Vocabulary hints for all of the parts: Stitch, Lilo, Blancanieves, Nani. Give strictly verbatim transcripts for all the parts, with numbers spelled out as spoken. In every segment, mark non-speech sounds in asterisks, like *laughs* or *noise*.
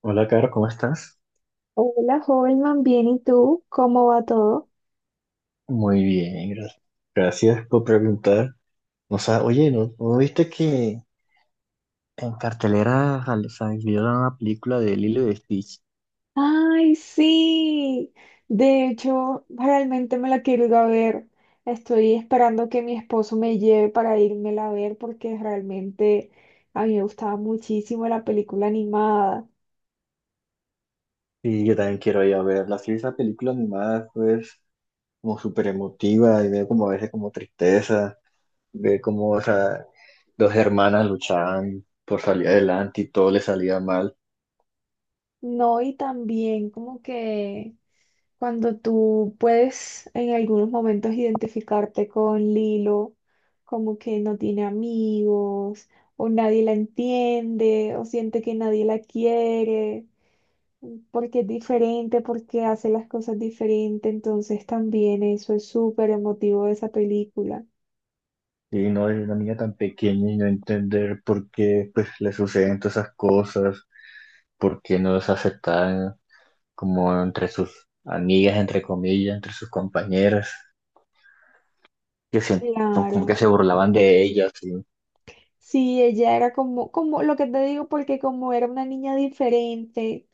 Hola, Caro, ¿cómo estás? Hola, joven man, bien, ¿y tú? ¿Cómo va todo? Muy bien, gracias. Gracias por preguntar. O sea, oye, ¿no, no viste que en cartelera sal- salió una película de Lilo y Stitch? Ay, sí. De hecho, realmente me la quiero ir a ver. Estoy esperando que mi esposo me lleve para írmela a ver porque realmente a mí me gustaba muchísimo la película animada. Y yo también quiero ir a verla. Sí, esa película animada es como súper emotiva y veo como a veces como tristeza, ve como, o sea, dos hermanas luchaban por salir adelante y todo le salía mal. No, y también como que Cuando tú puedes en algunos momentos identificarte con Lilo, como que no tiene amigos, o nadie la entiende, o siente que nadie la quiere, porque es diferente, porque hace las cosas diferente, entonces también eso es súper emotivo de esa película. Y no es una niña tan pequeña y no entender por qué pues le suceden todas esas cosas, por qué no es aceptada como entre sus amigas, entre comillas, entre sus compañeras, que siento como que Claro. se burlaban de ella, sí. Sí, ella era como, como lo que te digo, porque como era una niña diferente,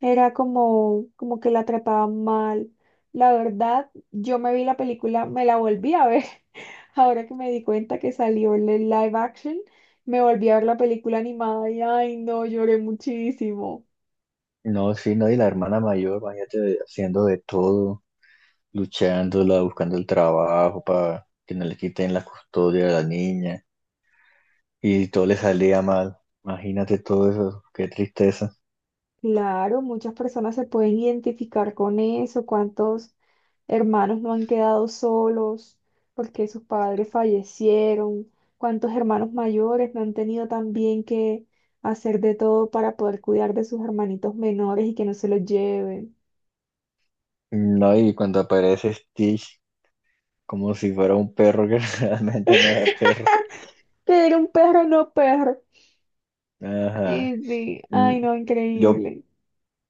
era como, como que la trataban mal. La verdad, yo me vi la película, me la volví a ver. *laughs* Ahora que me di cuenta que salió el live action, me volví a ver la película animada y ay, no, lloré muchísimo. No, sí, no, y la hermana mayor, imagínate, haciendo de todo, luchándola, buscando el trabajo para que no le quiten la custodia de la niña, y todo le salía mal. Imagínate todo eso, qué tristeza. Claro, muchas personas se pueden identificar con eso, cuántos hermanos no han quedado solos porque sus padres fallecieron, cuántos hermanos mayores no han tenido también que hacer de todo para poder cuidar de sus hermanitos menores y que no se los lleven. No, y cuando aparece Stitch, como si fuera un perro que *laughs* realmente no era perro. *laughs* Que era un perro, no perro. Ajá. Sí, sí, Mm, ay no, Yo increíble.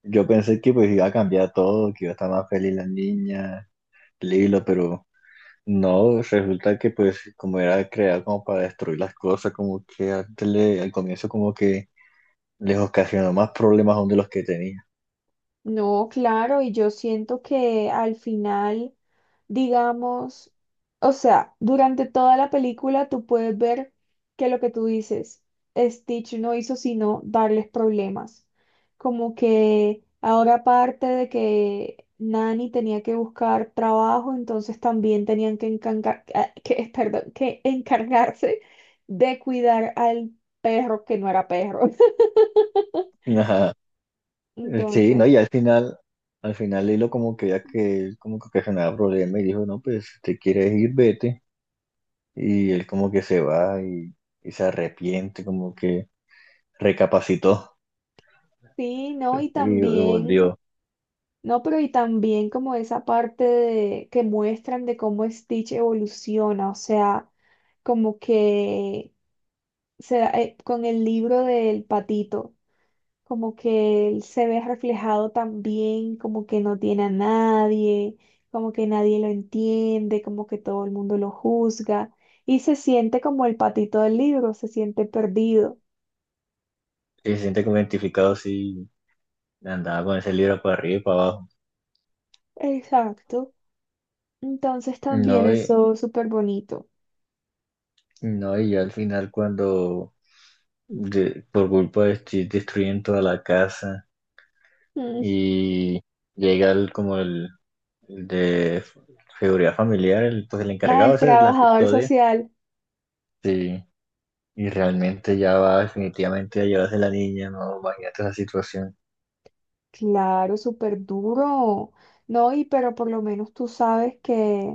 Yo pensé que pues iba a cambiar todo, que iba a estar más feliz la niña, Lilo, pero no, resulta que pues como era creada como para destruir las cosas, como que antes le- al comienzo como que les ocasionó más problemas aún de los que tenía. No, claro, y yo siento que al final, digamos, o sea, durante toda la película tú puedes ver que lo que tú dices, Stitch no hizo sino darles problemas. Como que ahora aparte de que Nani tenía que buscar trabajo, entonces también tenían que, encargar- ah, *laughs* que, perdón, que encargarse de cuidar al perro que no era perro. *laughs* *laughs* Ajá. Sí, no, Entonces... y al final, al final Lilo como que ya que él como que ocasionaba problemas y dijo, no, pues si te quieres ir, vete. Y él como que se va y, y se arrepiente, como que recapacitó Sí, no, y y también, volvió. no, pero y también como esa parte de, que muestran de cómo Stitch evoluciona, o sea, como que se, da- eh, con el libro del patito, como que él se ve reflejado también, como que no tiene a nadie, como que nadie lo entiende, como que todo el mundo lo juzga, y se siente como el patito del libro, se siente perdido. Y se siente como identificado así. Andaba con ese libro para arriba y para abajo. Exacto. Entonces también No, y, eso es súper bonito. no, y ya al final cuando de- por culpa de Steve destruyen toda la casa y llega el, como el, el de seguridad familiar, el, pues el encargado Al ese de la trabajador custodia, social, sí, y realmente ya va definitivamente a llevarse la niña, no, imagínate esa situación. claro, súper duro, ¿no? Y pero por lo menos tú sabes que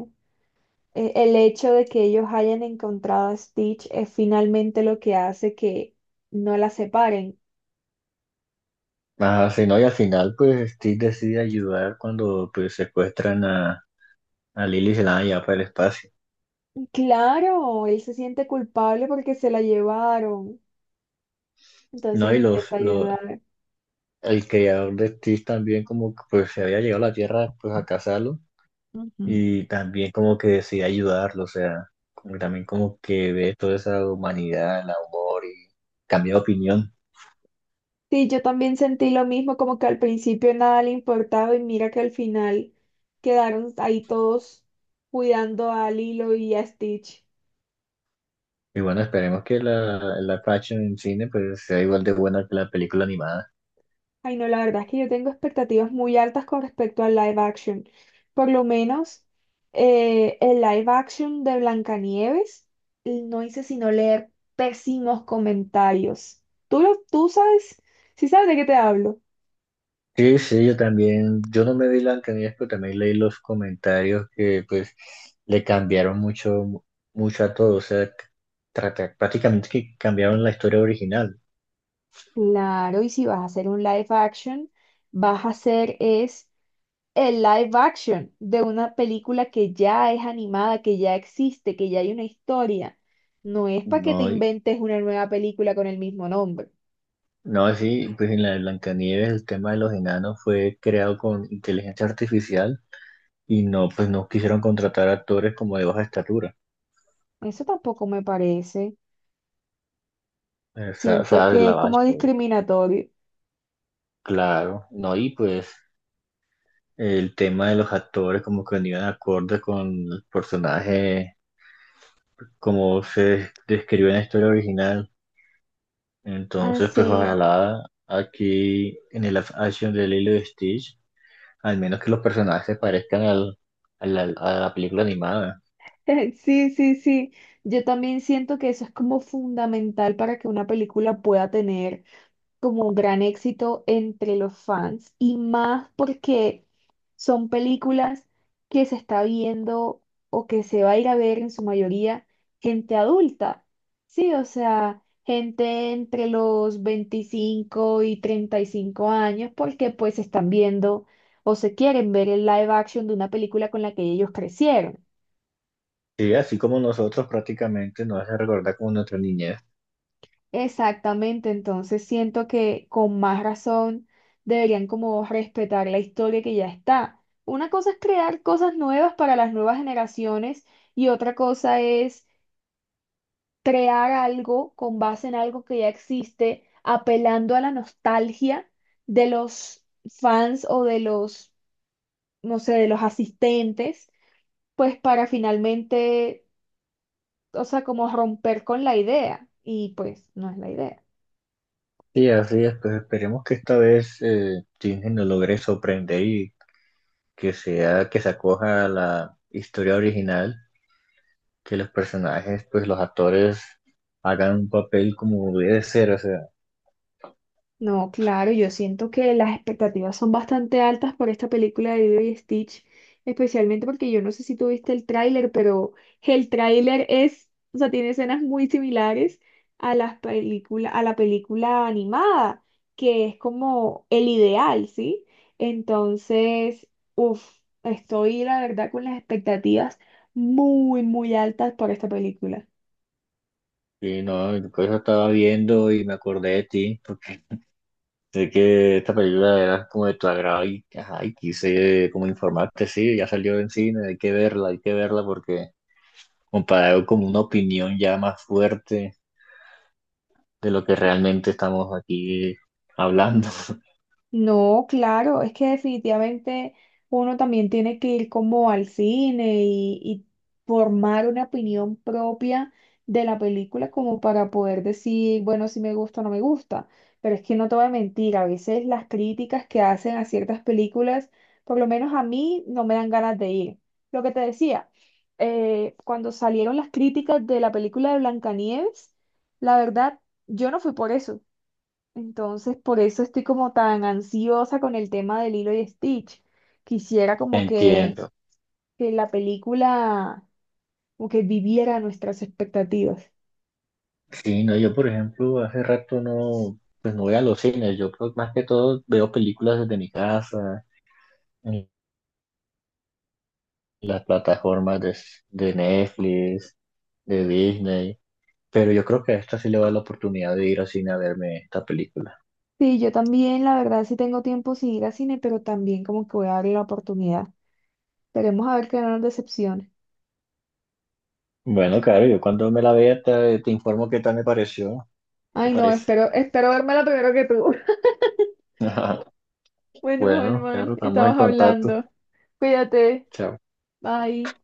eh, el hecho de que ellos hayan encontrado a Stitch es finalmente lo que hace que no la separen. Ajá, sí, no, y al final pues Steve decide ayudar cuando pues secuestran a, a Lily y se la van a llevar para el espacio. Claro, él se siente culpable porque se la llevaron, entonces No, y los, intenta los, ayudar. el creador de Stitch también como que pues se había llegado a la Tierra pues a cazarlo Ujú. y también como que decide ayudarlo, o sea, como que también como que ve toda esa humanidad, el amor y cambia de opinión. Sí, yo también sentí lo mismo, como que al principio nada le importaba y mira que al final quedaron ahí todos cuidando a Lilo y a Stitch. Y bueno, esperemos que la, la fashion en cine pues sea igual de buena que la película animada. Ay, no, la verdad es que yo tengo expectativas muy altas con respecto al live action. Por lo menos eh, el live action de Blancanieves no hice sino leer pésimos comentarios. ¿Tú, lo- Tú sabes? ¿Sí sabes de qué te hablo? Sí, sí, yo también, yo no me vi Blancanieves, pero también leí los comentarios que pues le cambiaron mucho, mucho a todo, o sea, trata- prácticamente que cambiaron la historia original. Claro, y si vas a hacer un live action, vas a hacer es el live action de una película que ya es animada, que ya existe, que ya hay una historia. No es para que te No, inventes una nueva película con el mismo nombre. no, sí, pues en la de Blancanieves el tema de los enanos fue creado con inteligencia artificial y no, pues no quisieron contratar actores como de baja estatura. Eso tampoco me parece. O sea, o Siento sea, de que la es base, como pues, discriminatorio. claro, no, y pues el tema de los actores como que venían acorde con el personaje, como se describió en la historia original. Ah, Entonces, pues sí. ojalá aquí en el live action de Lilo y Stitch, al menos que los personajes se parezcan al, al- al- a la película animada. *laughs* Sí, sí, sí. Yo también siento que eso es como fundamental para que una película pueda tener como un gran éxito entre los fans y más porque son películas que se está viendo o que se va a ir a ver en su mayoría gente adulta. Sí, o sea, gente entre los veinticinco y treinta y cinco años porque pues están viendo o se quieren ver el live action de una película con la que ellos crecieron. Sí, así como nosotros prácticamente nos hace recordar como nuestra niñez. Exactamente, entonces siento que con más razón deberían como respetar la historia que ya está. Una cosa es crear cosas nuevas para las nuevas generaciones y otra cosa es crear algo con base en algo que ya existe, apelando a la nostalgia de los fans o de los, no sé, de los asistentes, pues para finalmente, o sea, como romper con la idea y pues no es la idea. Sí, así es, pues esperemos que esta vez eh, Disney nos logre sorprender y que sea, que se acoja a la historia original, que los personajes, pues los actores hagan un papel como debe ser, o sea, No, claro, yo siento que las expectativas son bastante altas por esta película de Lilo y Stitch, especialmente porque yo no sé si tú viste el tráiler, pero el tráiler es, o sea, tiene escenas muy similares a las película, a la película animada, que es como el ideal, ¿sí? Entonces, uff, estoy la verdad con las expectativas muy, muy altas por esta película. y no, por eso estaba viendo y me acordé de ti, porque sé que esta película era como de tu agrado y, ajá, y quise como informarte, sí, ya salió en cine, hay que verla, hay que verla porque comparado con una opinión ya más fuerte de lo que realmente estamos aquí hablando. *laughs* No, claro, es que definitivamente uno también tiene que ir como al cine y, y formar una opinión propia de la película como para poder decir, bueno, si me gusta o no me gusta. Pero es que no te voy a mentir, a veces las críticas que hacen a ciertas películas, por lo menos a mí, no me dan ganas de ir. Lo que te decía, eh, cuando salieron las críticas de la película de Blancanieves, la verdad, yo no fui por eso, entonces, por eso estoy como tan ansiosa con el tema de Lilo y Stitch. Quisiera como que, Entiendo. que la película como que viviera nuestras expectativas. Sí, no, yo por ejemplo hace rato no, pues no voy a los cines, yo creo que más que todo veo películas desde mi casa, en las plataformas de, de Netflix, de Disney, pero yo creo que a esta sí le va la oportunidad de ir al cine a verme esta película. Sí, yo también, la verdad, sí tengo tiempo sin ir al cine, pero también como que voy a darle la oportunidad. Esperemos a ver que no nos decepcione. Bueno, claro, yo cuando me la vea te, te informo qué tal me pareció, qué Ay, no, parece. espero, espero la primero que tú. *laughs* *laughs* Bueno, Bueno, Holman, claro, estamos en estabas contacto. hablando. Cuídate. Chao. Bye.